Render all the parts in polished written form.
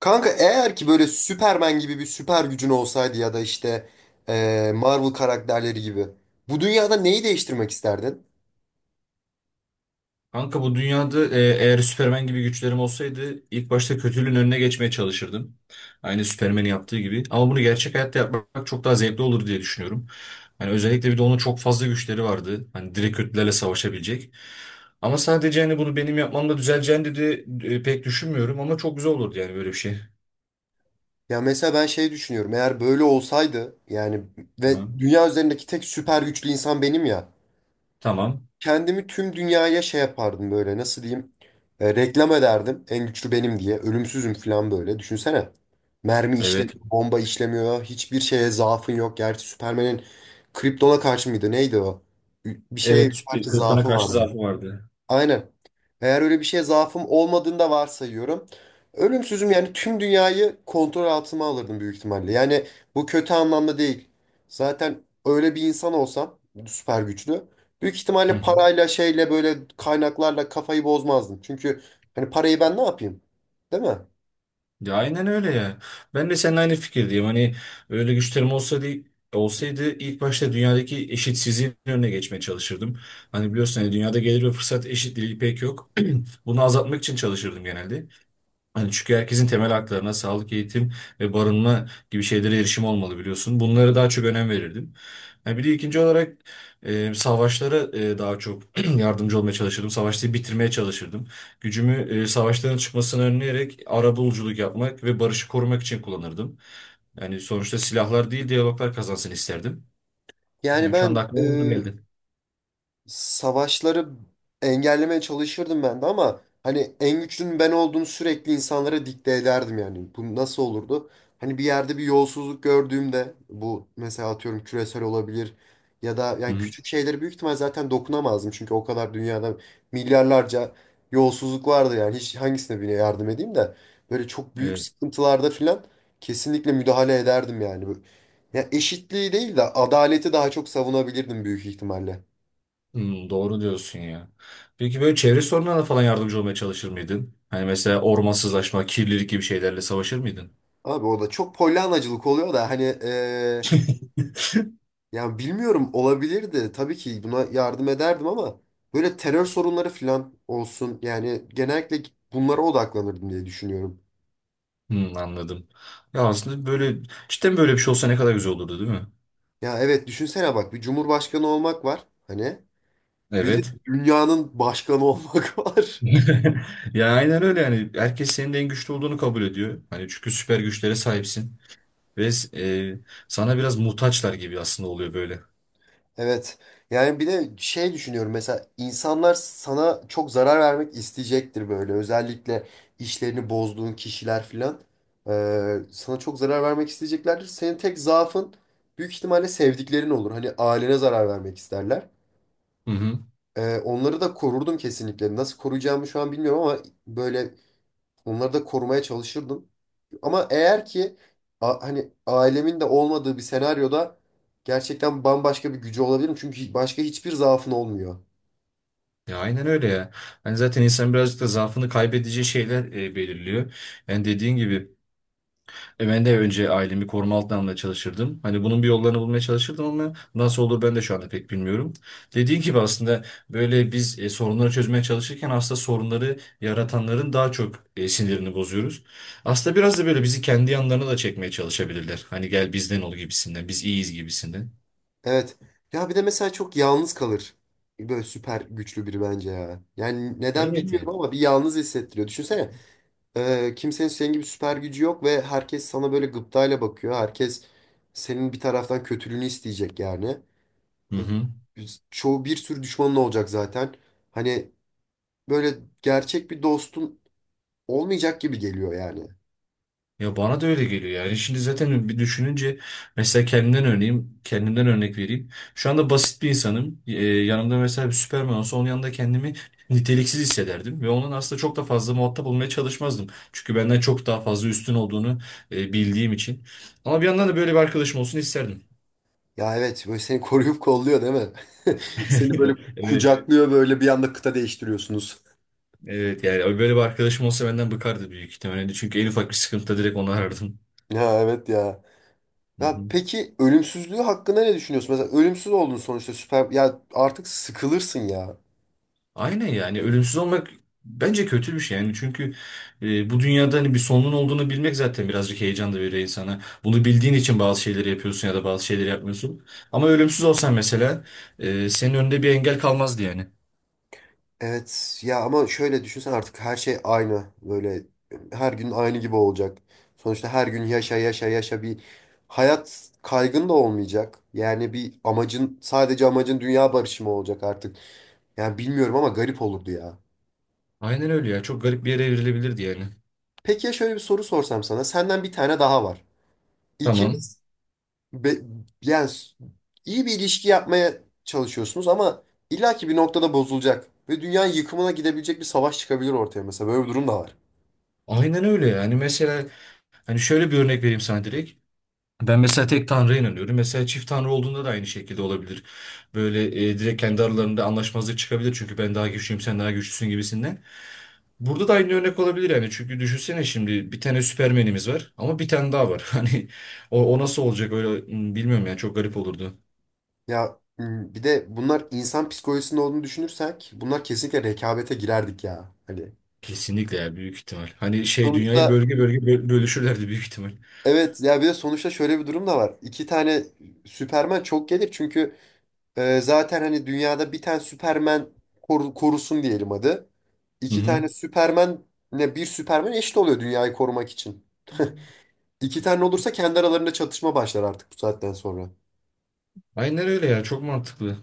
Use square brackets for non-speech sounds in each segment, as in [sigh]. Kanka eğer ki böyle Superman gibi bir süper gücün olsaydı ya da işte Marvel karakterleri gibi bu dünyada neyi değiştirmek isterdin? Kanka bu dünyada eğer Süpermen gibi güçlerim olsaydı ilk başta kötülüğün önüne geçmeye çalışırdım. Aynı Süpermen'in yaptığı gibi. Ama bunu gerçek hayatta yapmak çok daha zevkli olur diye düşünüyorum. Hani özellikle bir de onun çok fazla güçleri vardı. Hani direkt kötülerle savaşabilecek. Ama sadece hani bunu benim yapmamla düzeleceğini dedi pek düşünmüyorum ama çok güzel olurdu yani böyle bir şey. Ya mesela ben şey düşünüyorum, eğer böyle olsaydı yani ve Aha. dünya üzerindeki tek süper güçlü insan benim ya. Tamam. Kendimi tüm dünyaya şey yapardım, böyle nasıl diyeyim, reklam ederdim en güçlü benim diye, ölümsüzüm falan. Böyle düşünsene, mermi Evet. işlemiyor, bomba işlemiyor, hiçbir şeye zaafın yok. Gerçi Superman'in Krypton'a karşı mıydı neydi, o bir şey Evet, karşı Krypton'a zaafı karşı vardı. zaafı vardı. Aynen. Eğer öyle bir şeye zaafım olmadığını da varsayıyorum. Ölümsüzüm yani tüm dünyayı kontrol altıma alırdım büyük ihtimalle. Yani bu kötü anlamda değil. Zaten öyle bir insan olsam, süper güçlü. Büyük Hı. ihtimalle hı. parayla şeyle böyle kaynaklarla kafayı bozmazdım. Çünkü hani parayı ben ne yapayım? Değil mi? Ya aynen öyle ya. Ben de seninle aynı fikirdeyim. Hani öyle güçlerim olsa değil, olsaydı ilk başta dünyadaki eşitsizliğin önüne geçmeye çalışırdım. Hani biliyorsun hani dünyada gelir ve fırsat eşitliği pek yok. [clears throat] Bunu azaltmak için çalışırdım genelde. Hani çünkü herkesin temel haklarına sağlık, eğitim ve barınma gibi şeylere erişim olmalı biliyorsun. Bunlara daha çok önem verirdim. Ha, bir de ikinci olarak savaşlara daha çok [clears throat] yardımcı olmaya çalışırdım. Savaşları bitirmeye çalışırdım. Gücümü savaşların çıkmasını önleyerek arabuluculuk yapmak ve barışı korumak için kullanırdım. Yani sonuçta silahlar değil diyaloglar kazansın isterdim. Yani Yani şu anda ben aklıma onlar geldi. savaşları engellemeye çalışırdım ben de, ama hani en güçlünün ben olduğumu sürekli insanlara dikte ederdim yani. Bu nasıl olurdu? Hani bir yerde bir yolsuzluk gördüğümde, bu mesela atıyorum küresel olabilir ya da, yani Hı küçük şeylere büyük ihtimal zaten dokunamazdım. Çünkü o kadar dünyada milyarlarca yolsuzluk vardı yani, hiç hangisine, birine yardım edeyim de. Böyle çok büyük hı. sıkıntılarda filan kesinlikle müdahale ederdim yani. Böyle- ya eşitliği değil de adaleti daha çok savunabilirdim büyük ihtimalle. Doğru diyorsun ya. Peki böyle çevre sorunlarına falan yardımcı olmaya çalışır mıydın? Hani mesela ormansızlaşma, kirlilik gibi şeylerle savaşır mıydın? Abi o da çok polyanacılık oluyor da, hani yani bilmiyorum, olabilirdi. Tabii ki buna yardım ederdim ama böyle terör sorunları falan olsun. Yani genellikle bunlara odaklanırdım diye düşünüyorum. Anladım. Ya aslında böyle cidden böyle bir şey olsa ne kadar güzel olurdu değil mi? Ya evet, düşünsene bak, bir cumhurbaşkanı olmak var hani. Bir de Evet. dünyanın başkanı [laughs] olmak var. [laughs] Ya aynen öyle yani. Herkes senin de en güçlü olduğunu kabul ediyor. Hani çünkü süper güçlere sahipsin. Ve sana biraz muhtaçlar gibi aslında oluyor böyle. Evet. Yani bir de şey düşünüyorum, mesela insanlar sana çok zarar vermek isteyecektir böyle. Özellikle işlerini bozduğun kişiler filan, sana çok zarar vermek isteyeceklerdir. Senin tek zaafın büyük ihtimalle sevdiklerin olur. Hani ailene zarar vermek isterler. Hı hı. Onları da korurdum kesinlikle. Nasıl koruyacağımı şu an bilmiyorum ama böyle onları da korumaya çalışırdım. Ama eğer ki a- hani ailemin de olmadığı bir senaryoda, gerçekten bambaşka bir gücü olabilirim. Çünkü başka hiçbir zaafın olmuyor. Ya aynen öyle ya. Hani zaten insan birazcık da zaafını kaybedeceği şeyler belirliyor. Yani dediğin gibi ben de önce ailemi koruma altına almaya çalışırdım. Hani bunun bir yollarını bulmaya çalışırdım ama nasıl olur ben de şu anda pek bilmiyorum. Dediğin gibi aslında böyle biz sorunları çözmeye çalışırken aslında sorunları yaratanların daha çok sinirini bozuyoruz. Aslında biraz da böyle bizi kendi yanlarına da çekmeye çalışabilirler. Hani gel bizden ol gibisinden, biz iyiyiz gibisinden. Evet. Ya bir de mesela çok yalnız kalır böyle süper güçlü biri bence ya. Yani neden Evet bilmiyorum yani. ama bir yalnız hissettiriyor. Düşünsene, kimsenin senin gibi süper gücü yok ve herkes sana böyle gıptayla bakıyor. Herkes senin bir taraftan kötülüğünü isteyecek yani. Hı hı. Çoğu, bir sürü düşmanın olacak zaten. Hani böyle gerçek bir dostun olmayacak gibi geliyor yani. Ya bana da öyle geliyor yani. Şimdi zaten bir düşününce mesela kendimden örneğim, kendimden örnek vereyim. Şu anda basit bir insanım. Yanımda mesela bir Süperman olsa onun yanında kendimi niteliksiz hissederdim ve onun aslında çok da fazla muhatap olmaya çalışmazdım. Çünkü benden çok daha fazla üstün olduğunu bildiğim için. Ama bir yandan da böyle bir arkadaşım olsun isterdim. Ya evet, böyle seni koruyup kolluyor değil mi? [laughs] Seni böyle [laughs] Evet. kucaklıyor, böyle bir anda kıta değiştiriyorsunuz. Evet yani böyle bir arkadaşım olsa benden bıkardı büyük ihtimalle. Çünkü en ufak bir sıkıntıda direkt onu arardım. Ya evet ya. Hı Ya hı. peki ölümsüzlüğü hakkında ne düşünüyorsun? Mesela ölümsüz oldun sonuçta, süper ya, artık sıkılırsın ya. Aynen yani ölümsüz olmak bence kötü bir şey yani çünkü bu dünyada hani bir sonun olduğunu bilmek zaten birazcık heyecan da veriyor insana. Bunu bildiğin için bazı şeyleri yapıyorsun ya da bazı şeyleri yapmıyorsun. Ama ölümsüz olsan mesela senin önünde bir engel kalmazdı yani. Evet ya, ama şöyle düşünsen artık her şey aynı, böyle her gün aynı gibi olacak. Sonuçta her gün yaşa yaşa yaşa, bir hayat kaygın da olmayacak. Yani bir amacın, sadece amacın dünya barışı mı olacak artık? Yani bilmiyorum ama garip olurdu ya. Aynen öyle ya çok garip bir yere evrilebilirdi yani. Peki ya şöyle bir soru sorsam sana. Senden bir tane daha var. Tamam. İkiniz be- yani s- iyi bir ilişki yapmaya çalışıyorsunuz ama illaki bir noktada bozulacak. Ve dünyanın yıkımına gidebilecek bir savaş çıkabilir ortaya mesela. Böyle bir durum da var. Aynen öyle yani mesela hani şöyle bir örnek vereyim sana direkt. Ben mesela tek tanrıya inanıyorum. Mesela çift tanrı olduğunda da aynı şekilde olabilir. Böyle direkt kendi aralarında anlaşmazlık çıkabilir. Çünkü ben daha güçlüyüm, sen daha güçlüsün gibisinden. Burada da aynı örnek olabilir yani. Çünkü düşünsene şimdi bir tane Süpermen'imiz var ama bir tane daha var. [laughs] Hani o nasıl olacak öyle bilmiyorum yani çok garip olurdu. Ya m, bir de bunlar insan psikolojisinde olduğunu düşünürsek, bunlar kesinlikle rekabete girerdik ya. Hani Kesinlikle ya büyük ihtimal. Hani şey dünyayı sonuçta, bölge bölge bölüşürlerdi büyük ihtimal. evet ya, bir de sonuçta şöyle bir durum da var. İki tane Süperman çok gelir. Çünkü zaten hani dünyada bir tane Superman koru- korusun diyelim hadi. Hı İki hı. tane Superman, ne, bir Superman eşit oluyor dünyayı korumak için. İki tane olursa kendi aralarında çatışma başlar artık bu saatten sonra. Aynen öyle ya çok mantıklı.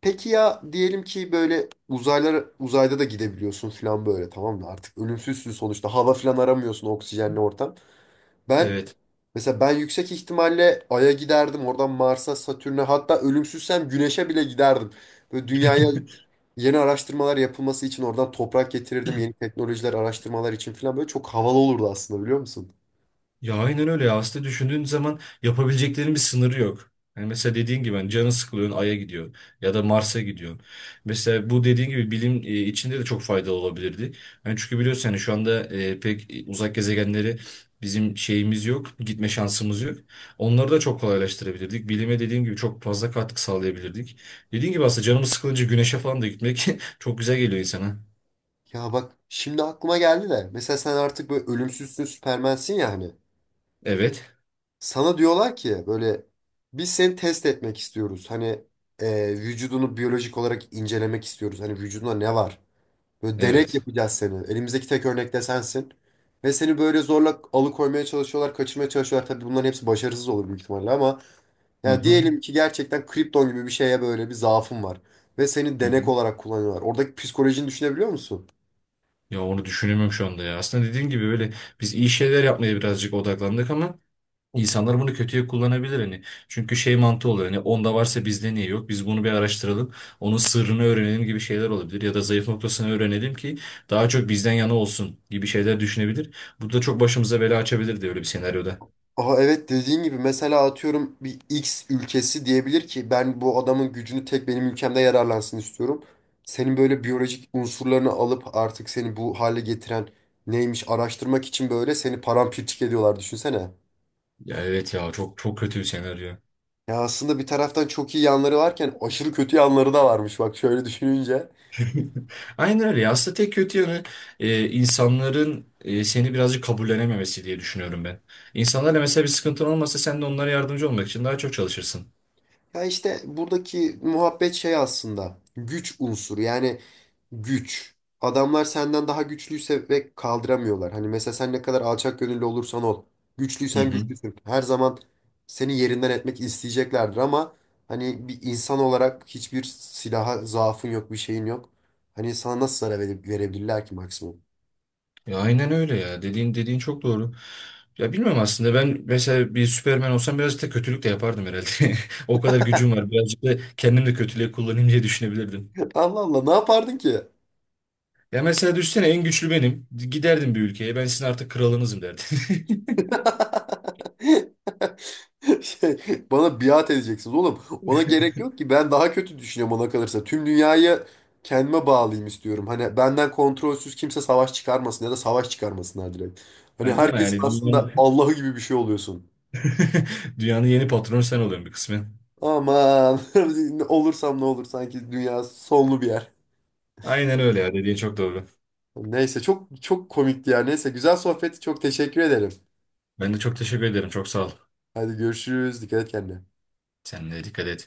Peki ya diyelim ki böyle uzaylar, uzayda da gidebiliyorsun falan, böyle tamam mı? Artık ölümsüzsün sonuçta. Hava falan aramıyorsun, oksijenli ortam. Ben Evet. mesela ben yüksek ihtimalle Ay'a giderdim. Oradan Mars'a, Satürn'e, hatta ölümsüzsem Güneş'e bile giderdim. Böyle dünyaya [laughs] yeni araştırmalar yapılması için oradan toprak getirirdim. Yeni teknolojiler, araştırmalar için falan, böyle çok havalı olurdu aslında, biliyor musun? Ya aynen öyle ya. Aslında düşündüğün zaman yapabileceklerinin bir sınırı yok. Yani mesela dediğin gibi hani canı sıkılıyor Ay'a gidiyor ya da Mars'a gidiyor. Mesela bu dediğin gibi bilim içinde de çok faydalı olabilirdi. Yani çünkü biliyorsun hani şu anda pek uzak gezegenleri bizim şeyimiz yok, gitme şansımız yok. Onları da çok kolaylaştırabilirdik. Bilime dediğim gibi çok fazla katkı sağlayabilirdik. Dediğin gibi aslında canımız sıkılınca güneşe falan da gitmek [laughs] çok güzel geliyor insana. Ya bak şimdi aklıma geldi de, mesela sen artık böyle ölümsüzsün, süpermensin ya hani. Evet, Sana diyorlar ki böyle, biz seni test etmek istiyoruz. Hani vücudunu biyolojik olarak incelemek istiyoruz. Hani vücudunda ne var? Böyle denek evet. yapacağız seni. Elimizdeki tek örnek de sensin. Ve seni böyle zorla alıkoymaya çalışıyorlar, kaçırmaya çalışıyorlar. Tabii bunların hepsi başarısız olur büyük ihtimalle ama, Hı ya hı. diyelim ki gerçekten kripton gibi bir şeye, böyle bir zaafın var. Ve seni Hı hı. denek olarak kullanıyorlar. Oradaki psikolojini düşünebiliyor musun? Ya onu düşünemiyorum şu anda ya. Aslında dediğin gibi böyle biz iyi şeyler yapmaya birazcık odaklandık ama insanlar bunu kötüye kullanabilir hani. Çünkü şey mantığı olur hani onda varsa bizde niye yok? Biz bunu bir araştıralım. Onun sırrını öğrenelim gibi şeyler olabilir ya da zayıf noktasını öğrenelim ki daha çok bizden yana olsun gibi şeyler düşünebilir. Bu da çok başımıza bela açabilir de öyle bir senaryoda. Aha, evet, dediğin gibi mesela atıyorum, bir X ülkesi diyebilir ki, ben bu adamın gücünü tek benim ülkemde yararlansın istiyorum. Senin böyle biyolojik unsurlarını alıp, artık seni bu hale getiren neymiş araştırmak için, böyle seni paramparçık ediyorlar, düşünsene. Ya evet ya çok çok kötü bir senaryo. Ya aslında bir taraftan çok iyi yanları varken aşırı kötü yanları da varmış bak şöyle düşününce. [laughs] Aynen öyle. Aslında tek kötü yanı insanların seni birazcık kabullenememesi diye düşünüyorum ben. İnsanlarla mesela bir sıkıntın olmasa sen de onlara yardımcı olmak için daha çok çalışırsın. Ya işte buradaki muhabbet şey, aslında güç unsuru yani, güç. Adamlar senden daha güçlüyse ve kaldıramıyorlar. Hani mesela sen ne kadar alçak gönüllü olursan ol, Hı güçlüysen hı. güçlüsün. Her zaman seni yerinden etmek isteyeceklerdir ama, hani bir insan olarak hiçbir silaha zaafın yok, bir şeyin yok. Hani sana nasıl zarar vere- verebilirler ki maksimum? Ya aynen öyle ya. Dediğin çok doğru. Ya bilmiyorum aslında ben mesela bir Süperman olsam birazcık da kötülük de yapardım herhalde. [laughs] O kadar gücüm var. Birazcık da kendim de kötülüğe kullanayım diye düşünebilirdim. [laughs] Allah Allah, ne yapardın ki? Ya mesela düşünsene en güçlü benim. Giderdim bir ülkeye. Ben sizin artık kralınızım derdim. [laughs] [laughs] Şey, bana biat edeceksiniz oğlum. Ona gerek yok ki. Ben daha kötü düşünüyorum, ona kalırsa tüm dünyayı kendime bağlayayım istiyorum. Hani benden kontrolsüz kimse savaş çıkarmasın, ya da savaş çıkarmasınlar direkt. Ha, Hani değil mi herkesin yani aslında dünyanın Allah'ı gibi bir şey oluyorsun. [laughs] dünyanın yeni patronu sen oluyorsun bir kısmen. Aman, [laughs] olursam ne olur sanki, dünya sonlu bir yer. Aynen öyle ya dediğin çok doğru. Neyse, çok çok komikti ya. Neyse, güzel sohbet. Çok teşekkür ederim. Ben de çok teşekkür ederim. Çok sağ ol. Hadi görüşürüz. Dikkat et kendine. Sen de dikkat et.